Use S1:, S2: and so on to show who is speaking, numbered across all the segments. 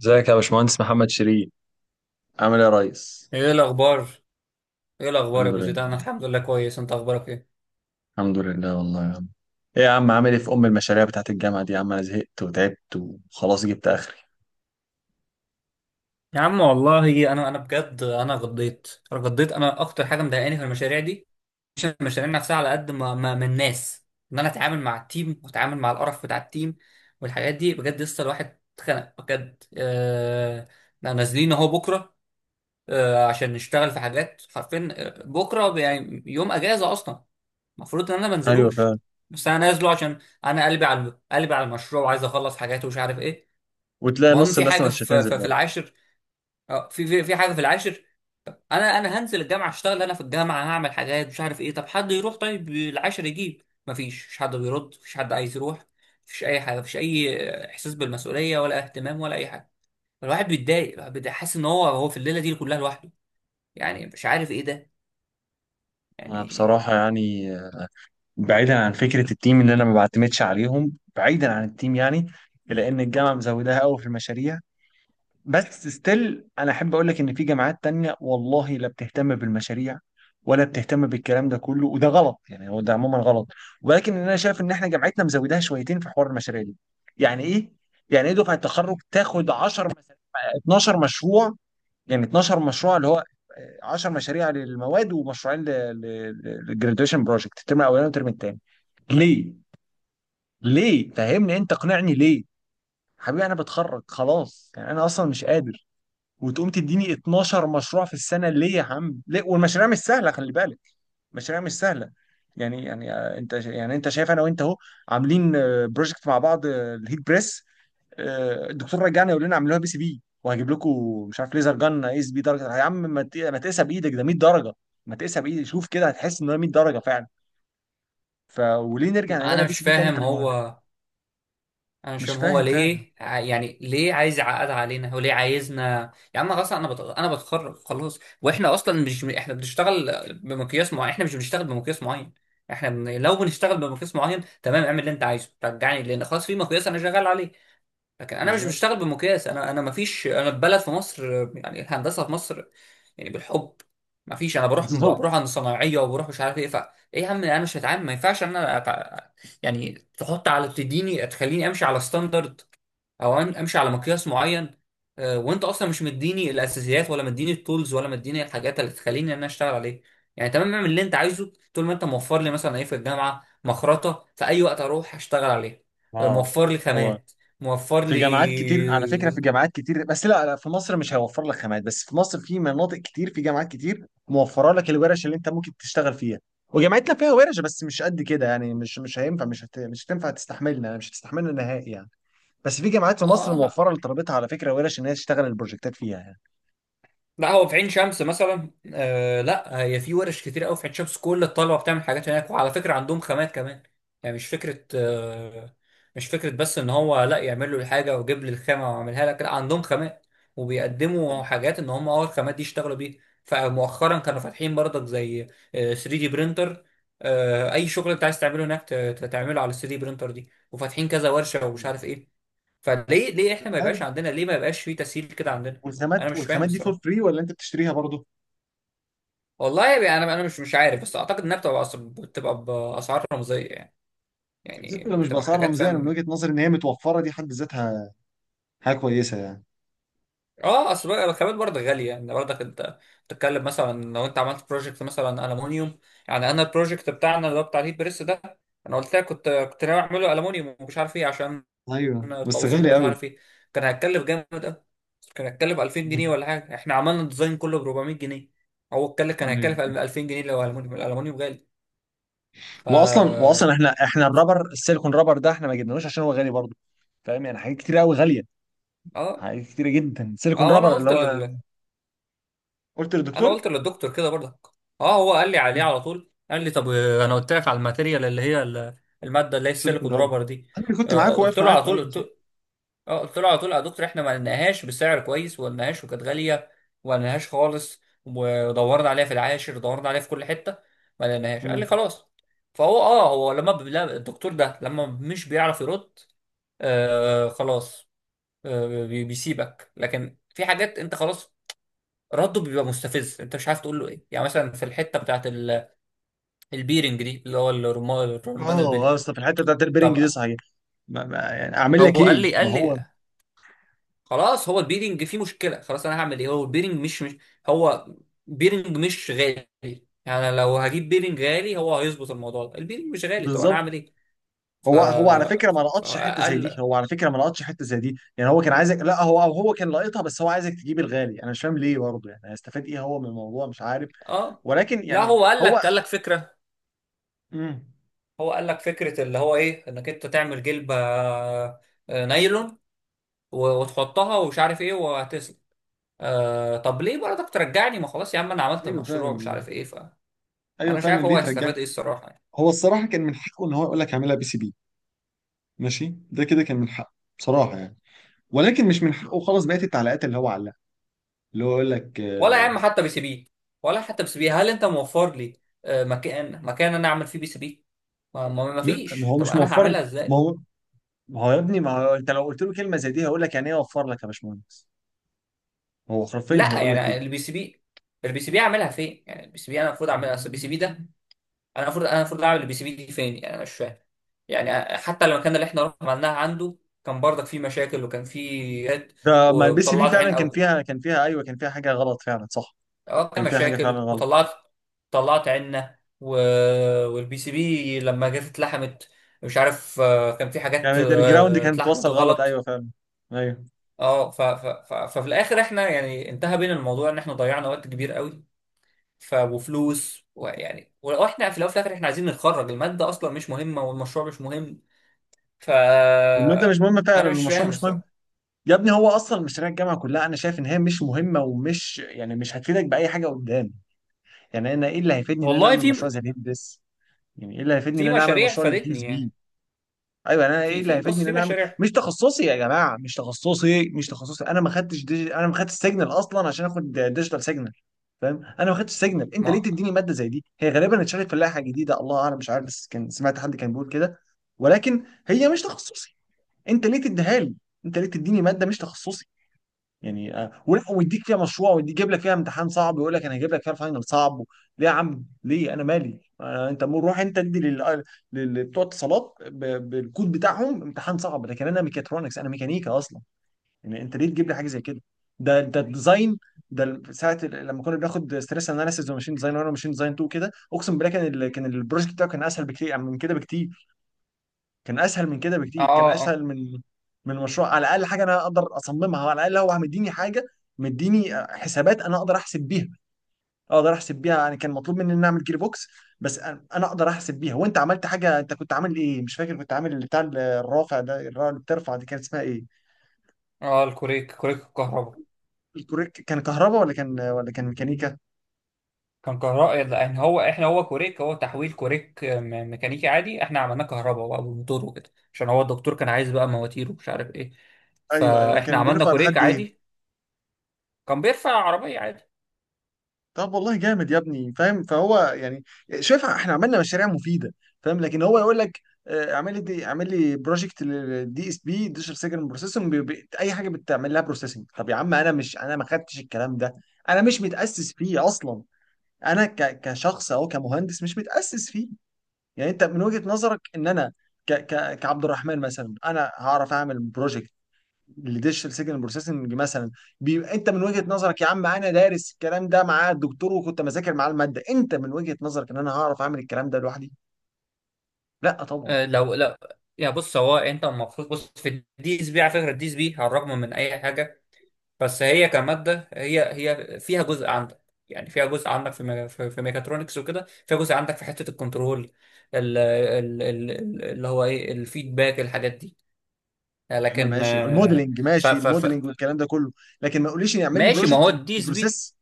S1: ازيك يا باشمهندس محمد شيرين؟ عامل ايه يا ريس؟
S2: ايه الاخبار ايه الاخبار يا
S1: الحمد
S2: ابو
S1: لله،
S2: زيد، انا الحمد لله كويس. انت اخبارك ايه؟
S1: الحمد لله والله يا عم. ايه يا عم، عامل ايه في ام المشاريع بتاعت الجامعه دي؟ يا عم انا زهقت وتعبت وخلاص جبت اخري.
S2: يا عم والله انا بجد، انا غضيت. انا اكتر حاجه مضايقاني في المشاريع دي، مش المشاريع نفسها على قد ما، من الناس. ان انا اتعامل مع التيم واتعامل مع القرف بتاع التيم والحاجات دي. بجد لسه الواحد اتخنق بجد. احنا نازلين اهو بكره. عشان نشتغل في حاجات حرفيا، بكره يعني يوم اجازه اصلا. المفروض ان انا ما
S1: ايوه
S2: انزلوش،
S1: فعلا.
S2: بس انا نازله عشان انا قلبي على المشروع، وعايز اخلص حاجات ومش عارف ايه.
S1: وتلاقي
S2: المهم
S1: نص
S2: في
S1: الناس
S2: حاجه
S1: مش
S2: في
S1: هتنزل
S2: في, في
S1: برضه.
S2: العاشر. في حاجه في العاشر. انا هنزل الجامعه اشتغل، انا في الجامعه هعمل حاجات مش عارف ايه. طب حد يروح طيب العاشر يجيب؟ مفيش حد بيرد، مفيش حد عايز يروح. مفيش اي حاجه، مفيش اي احساس بالمسؤوليه، ولا اهتمام ولا اي حاجه. الواحد بيتضايق، حاسس ان هو في الليله دي كلها لوحده. يعني مش عارف ايه ده
S1: انا
S2: يعني.
S1: بصراحه يعني، بعيدا عن فكره التيم اللي انا ما بعتمدش عليهم، بعيدا عن التيم يعني، لان الجامعه مزوداها قوي في المشاريع. بس ستيل انا احب اقول لك ان في جامعات تانية والله لا بتهتم بالمشاريع ولا بتهتم بالكلام ده كله، وده غلط يعني، هو ده عموما غلط. ولكن انا شايف ان احنا جامعتنا مزوداها شويتين في حوار المشاريع دي. يعني ايه؟ يعني ايه دفعه التخرج تاخد 10 مشاريع، 12 مشروع؟ يعني 12 مشروع اللي هو 10 مشاريع للمواد ومشروعين للجراديويشن بروجكت، الترم الاولاني والترم الثاني. ليه؟ ليه فهمني، انت اقنعني ليه. حبيبي انا بتخرج خلاص، يعني انا اصلا مش قادر، وتقوم تديني 12 مشروع في السنه؟ ليه يا عم ليه؟ والمشاريع مش سهله، خلي بالك، مشاريع مش سهله. يعني انت، يعني انت شايف انا وانت اهو عاملين بروجكت مع بعض، الهيت بريس. الدكتور رجعنا يقول لنا اعملوها بي سي بي وهجيب لكم مش عارف ليزر جن اي اس بي درجه. يا عم ما تقيسها بايدك، ده 100 درجه. ما تقيسها بايدك شوف كده، هتحس ان هي 100 درجه فعلا. ف وليه نرجع نعملها
S2: انا
S1: بي
S2: مش
S1: سي بي تاني؟ طب
S2: فاهم،
S1: ما،
S2: هو
S1: مش
S2: عشان هو
S1: فاهم فعلا.
S2: ليه يعني ليه عايز يعقد علينا، وليه عايزنا؟ يا عم خلاص، انا انا بتخرج خلاص. واحنا اصلا مش، احنا بنشتغل بمقياس معين؟ احنا مش بنشتغل بمقياس معين. احنا لو بنشتغل بمقياس معين تمام، اعمل اللي انت عايزه، رجعني، لان خلاص في مقياس انا شغال عليه. لكن انا مش
S1: بالظبط.
S2: بشتغل بمقياس، انا مفيش. انا في بلد، في مصر. يعني الهندسه في مصر يعني بالحب. مفيش. انا بروح
S1: بالظبط
S2: بروح عند صنايعيه، وبروح مش عارف ايه. ف ايه يا عم، انا مش هتعامل، ما ينفعش ان انا يعني تحط، على تديني، تخليني امشي على ستاندرد، او امشي على مقياس معين. وانت اصلا مش مديني الاساسيات، ولا مديني التولز، ولا مديني الحاجات اللي تخليني ان انا اشتغل عليه. يعني تمام، اعمل اللي انت عايزه طول ما انت موفر لي. مثلا ايه؟ في الجامعه مخرطه في اي وقت اروح اشتغل عليها،
S1: اه.
S2: موفر لي
S1: هو
S2: خامات، موفر
S1: في
S2: لي.
S1: جامعات كتير على فكرة، في جامعات كتير، بس لا لا، في مصر مش هيوفر لك خامات، بس في مصر في مناطق كتير، في جامعات كتير موفرة لك الورش اللي انت ممكن تشتغل فيها. وجامعتنا فيها ورش بس مش قد كده، يعني مش هينفع، مش هتنفع تستحملنا، مش هتستحملنا نهائي يعني. بس في جامعات في مصر
S2: اه، لا،
S1: موفرة لطلبتها على فكرة ورش ان هي تشتغل البروجكتات فيها يعني.
S2: لا هو في عين شمس مثلا لا، هي في ورش كتير قوي في عين شمس. كل الطلبه بتعمل حاجات هناك، وعلى فكره عندهم خامات كمان. يعني مش فكره مش فكره بس ان هو لا يعمل له الحاجه ويجيب لي الخامه واعملها لك، لا عندهم خامات وبيقدموا حاجات ان هم الخامات دي يشتغلوا بيها. فمؤخرا كانوا فاتحين برضك زي 3 دي برينتر. اي شغل انت عايز تعمله هناك تعمله على 3 دي برينتر دي، وفاتحين كذا ورشه ومش عارف ايه. فليه ليه احنا ما يبقاش
S1: بجد؟
S2: عندنا، ليه ما يبقاش في تسهيل كده عندنا؟ انا
S1: والخامات
S2: مش فاهم
S1: والخامات دي فور
S2: الصراحه.
S1: فري ولا انت بتشتريها برضه؟
S2: والله يعني انا مش عارف، بس اعتقد انها بتبقى بتبقى باسعار رمزيه يعني، يعني
S1: حتى لو مش
S2: بتبقى
S1: بأسعار
S2: حاجات،
S1: رمزية، انا من
S2: فاهم.
S1: وجهة نظري ان هي متوفرة دي حد ذاتها حاجة كويسة يعني.
S2: اه، اصل بقى الخامات برضه غاليه، يعني برضك انت بتتكلم مثلا لو انت عملت بروجكت مثلا المونيوم. يعني انا البروجكت بتاعنا اللي هو بتاع الهيت بريس ده، انا قلت لك كنت ناوي اعمله المونيوم ومش عارف ايه، عشان
S1: ايوه بس
S2: التوصيل
S1: غالي
S2: اللي مش
S1: قوي.
S2: عارف ايه كان هيتكلف جامد قوي، كان هيتكلف 2000 جنيه ولا حاجه. احنا عملنا الديزاين كله ب 400 جنيه. هو اتكلف، كان
S1: أيوة.
S2: هيتكلف 2000 جنيه لو المونيوم. الالمونيوم غالي. ف
S1: واصلا
S2: اه
S1: احنا الرابر، السيليكون رابر ده احنا ما جبناهوش عشان هو غالي برضه. فاهم يعني حاجات كتير قوي غاليه، حاجات كتيره جدا.
S2: اه
S1: سيليكون
S2: وانا
S1: رابر اللي
S2: قلت،
S1: هو، قلت
S2: انا
S1: للدكتور.
S2: قلت للدكتور كده برضك. اه، هو قال لي عليه
S1: مم.
S2: على طول، قال لي طب. انا قلت لك على الماتيريال اللي هي الماده اللي هي
S1: سيليكون
S2: السيليكون
S1: رابر.
S2: رابر دي.
S1: انا اللي كنت معاك،
S2: قلت
S1: واقف
S2: له
S1: معاك،
S2: على طول،
S1: ايوه صح.
S2: قلت، اه، قلت له على طول يا دكتور، احنا ما لقيناهاش بسعر كويس، وما لقيناهاش وكانت غاليه، وما لقيناهاش خالص. ودورنا عليها في العاشر، دورنا عليها في كل حته، ما لقيناهاش. قال
S1: مم.
S2: لي خلاص. فهو اه هو لما لا، الدكتور ده لما مش بيعرف يرد، آه خلاص. بيسيبك. لكن في حاجات انت خلاص رده بيبقى مستفز، انت مش عارف تقول له ايه. يعني مثلا في الحته بتاعت البيرنج دي اللي هو الرمان، البلي.
S1: اه، اصل في الحته بتاعت البيرنج دي،
S2: طب
S1: صحيح. ما يعني اعمل
S2: هو
S1: لك ايه؟
S2: قال لي
S1: ما
S2: قال
S1: هو،
S2: لي خلاص، هو البيرنج فيه مشكله. خلاص انا هعمل ايه؟ هو البيرنج مش، هو بيرنج مش غالي. يعني لو هجيب بيرنج غالي هو هيظبط الموضوع ده؟ البيرنج مش غالي، طب انا
S1: بالظبط.
S2: هعمل ايه؟
S1: هو على فكره ما لقطش حته زي دي،
S2: فقال،
S1: هو على فكره ما لقطش حته زي دي، يعني هو كان عايزك، لا هو كان لاقطها، بس هو عايزك تجيب الغالي. انا مش فاهم ليه برضه، يعني هيستفاد ايه هو من الموضوع؟ مش عارف.
S2: اه،
S1: ولكن
S2: لا
S1: يعني،
S2: هو قال لك
S1: هو،
S2: قال لك فكره.
S1: مم.
S2: هو قال لك فكره اللي هو ايه؟ انك انت تعمل جلبه نايلون وتحطها ومش عارف ايه. آه طب ليه برضك ترجعني؟ ما خلاص يا عم، انا عملت
S1: ايوه فعلا
S2: المشروع مش
S1: يعني.
S2: عارف ايه. فانا
S1: ايوه
S2: مش
S1: فعلا
S2: عارف هو
S1: ليه ترجعني؟
S2: هيستفاد ايه الصراحه يعني.
S1: هو الصراحه كان من حقه ان هو يقول لك هعملها بي سي بي، ماشي، ده كده كان من حقه بصراحه يعني. ولكن مش من حقه خالص بقيه التعليقات اللي هو علقها، اللي هو يقول لك
S2: ولا يا عم حتى بي سي بي، ولا حتى بي سي بي. هل انت موفر لي مكان انا اعمل فيه بي سي بي؟ ما
S1: لا ما
S2: فيش.
S1: هو
S2: طب
S1: مش
S2: انا
S1: موفر،
S2: هعملها
S1: ما
S2: ازاي؟
S1: هو، ما هو يا ابني، ما هو انت لو قلت له كلمه زي دي هيقول لك يعني ايه اوفر لك يا باشمهندس، هو حرفيا
S2: لا
S1: هيقول لك
S2: يعني
S1: كده.
S2: البي سي بي، البي سي بي اعملها فين؟ يعني البي سي بي انا المفروض اعملها، اصل البي سي بي ده، انا المفروض اعمل البي سي بي دي فين؟ يعني انا مش فاهم. يعني حتى المكان اللي احنا رحنا عملناها عنده كان برضك فيه مشاكل، وكان فيه جد،
S1: ده ما البي سي بي
S2: وطلعت عين،
S1: فعلا كان فيها ايوه، كان فيها حاجه غلط فعلا، صح.
S2: عملت
S1: كان فيها حاجه فعلا
S2: مشاكل
S1: غلط،
S2: وطلعت، طلعت عنا. و... والبي سي بي لما جت اتلحمت مش عارف، كان في حاجات
S1: يعني الجراوند كانت توصل
S2: اتلحمت
S1: غلط، ايوه
S2: غلط.
S1: فعلا، ايوه.
S2: اه ففي الاخر احنا يعني انتهى بينا الموضوع ان احنا ضيعنا وقت كبير قوي، وفلوس. ويعني واحنا في الاول وفي الاخر احنا عايزين نتخرج. المادة اصلا مش مهمة، والمشروع مش مهم. ف
S1: الماده مش مهمه فعلا،
S2: انا مش
S1: المشروع
S2: فاهم
S1: مش مهم.
S2: الصراحة.
S1: يا ابني هو اصلا مشاريع الجامعه كلها انا شايف ان هي مش مهمه، ومش يعني، مش هتفيدك باي حاجه قدام. يعني انا ايه اللي هيفيدني ان انا
S2: والله
S1: اعمل مشروع زي الهيب بس؟ يعني ايه اللي هيفيدني ان
S2: في
S1: انا اعمل
S2: مشاريع
S1: مشروع للدي
S2: فادتني
S1: اس بي؟
S2: يعني.
S1: ايوه، انا ايه
S2: في
S1: اللي
S2: في
S1: هيفيدني
S2: بص،
S1: ان
S2: في
S1: انا اعمل
S2: مشاريع.
S1: مش تخصصي؟ يا جماعه مش تخصصي، مش تخصصي، انا ما خدتش سيجنال اصلا عشان اخد ديجيتال سيجنال. فاهم؟ انا ما خدتش سيجنال، انت
S2: ما
S1: ليه تديني ماده زي دي؟ هي غالبا اتشالت في اللائحه الجديده، الله اعلم، مش عارف بس كان سمعت حد كان بيقول كده. ولكن هي مش تخصصي، انت ليه تديها لي؟ انت ليه تديني ماده مش تخصصي؟ يعني ولا ويديك فيها مشروع ويجيب لك فيها امتحان صعب ويقول لك انا هجيب لك فيها الفاينل صعب. ليه يا عم ليه؟ انا مالي؟ انت روح انت ادي بتوع اتصالات بالكود بتاعهم امتحان صعب، لكن انا ميكاترونكس، انا ميكانيكا اصلا. يعني انت ليه تجيب لي حاجه زي كده؟ ده الديزاين، ده ساعه لما كنا بناخد ستريس اناليسيز وماشين ديزاين، وانا ماشين ديزاين 2 كده اقسم بالله، كان كان البروجكت بتاعه كان اسهل بكتير يعني، من كده بكتير. كان اسهل من كده بكتير، كان
S2: اه اه
S1: اسهل من، من مشروع على الاقل حاجه انا اقدر اصممها. على الاقل هو مديني حاجه، مديني حسابات انا اقدر احسب بيها، اقدر احسب بيها، يعني كان مطلوب مني ان اعمل جير بوكس، بس انا اقدر احسب بيها. وانت عملت حاجه، انت كنت عامل ايه؟ مش فاكر، كنت عامل بتاع الرافع ده، الرافع اللي بترفع دي كانت اسمها ايه؟
S2: اه الكوريك، الكهرباء.
S1: الكوريك، كان كهرباء ولا كان ميكانيكا؟
S2: كان كهرباء. يعني هو احنا كوريك، هو تحويل كوريك ميكانيكي عادي. احنا عملناه كهرباء بقى بالموتور وكده، عشان هو الدكتور كان عايز بقى مواتير ومش عارف ايه.
S1: ايوه ايوه،
S2: فاحنا
S1: كان
S2: عملنا
S1: بيرفع
S2: كوريك
S1: لحد ايه؟
S2: عادي، كان بيرفع عربية عادي.
S1: طب والله جامد يا ابني، فاهم؟ فهو يعني، شايف احنا عملنا مشاريع مفيده، فاهم؟ لكن هو يقول لك اعمل لي دي، اعمل لي بروجكت للدي اس بي ديجيتال سيجنال بروسيسنج، اي حاجه بتعمل لها بروسيسنج. طب يا عم انا مش، انا ما خدتش الكلام ده، انا مش متاسس فيه اصلا. انا كشخص او كمهندس مش متاسس فيه. يعني انت من وجهه نظرك ان انا، ك ك كعبد الرحمن مثلا، انا هعرف اعمل بروجكت الديجيتال سيجنال بروسيسنج مثلا؟ بيبقى انت من وجهة نظرك يا عم انا دارس الكلام ده مع الدكتور وكنت مذاكر معاه المادة؟ انت من وجهة نظرك ان انا هعرف اعمل الكلام ده لوحدي؟ لا طبعا.
S2: اه، لا يا بص، هو انت المفروض بص في الدي اس بي. على فكرة الدي اس بي، على الرغم من اي حاجة، بس هي كمادة، هي فيها جزء عندك. يعني فيها جزء عندك في في ميكاترونكس وكده، فيها جزء عندك في حتة الكنترول، اللي هو ايه، الفيدباك، الحاجات دي.
S1: يا عم
S2: لكن
S1: ماشي،
S2: آه،
S1: الموديلنج
S2: ف
S1: ماشي،
S2: ف ف
S1: الموديلنج والكلام ده كله، لكن ما تقوليش يعمل لي
S2: ماشي، ما هو
S1: بروجكت
S2: الديس بي.
S1: بروسيس.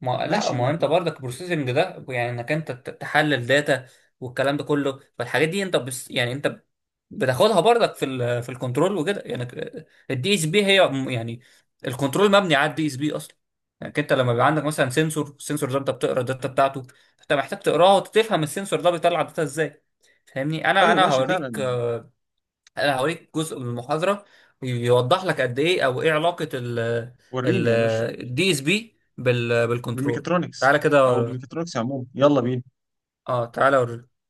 S2: ما لا،
S1: ماشي
S2: ما
S1: ما
S2: هو انت
S1: تقول-
S2: برضك بروسيسنج ده يعني انك انت تحلل داتا والكلام ده كله. فالحاجات دي انت بس، يعني انت بتاخدها برضك في الكنترول وكده يعني. الدي اس بي هي يعني الكنترول مبني على الدي اس بي اصلا. يعني انت لما بيبقى عندك مثلا سنسور، السنسور ده انت بتقرا الداتا بتاعته، انت محتاج تقراها وتفهم السنسور ده بيطلع داتا ازاي. فاهمني؟ انا
S1: ايوه
S2: انا
S1: ماشي
S2: هوريك،
S1: فعلا.
S2: انا هوريك جزء من المحاضره يوضح لك قد ايه، او ايه علاقه ال
S1: وريني
S2: ال
S1: يا باشا،
S2: الدي اس بي بالكنترول.
S1: بالميكاترونكس،
S2: تعالى
S1: او
S2: كده.
S1: بالميكاترونكس عموما، يلا بينا.
S2: اه تعالى اوريك.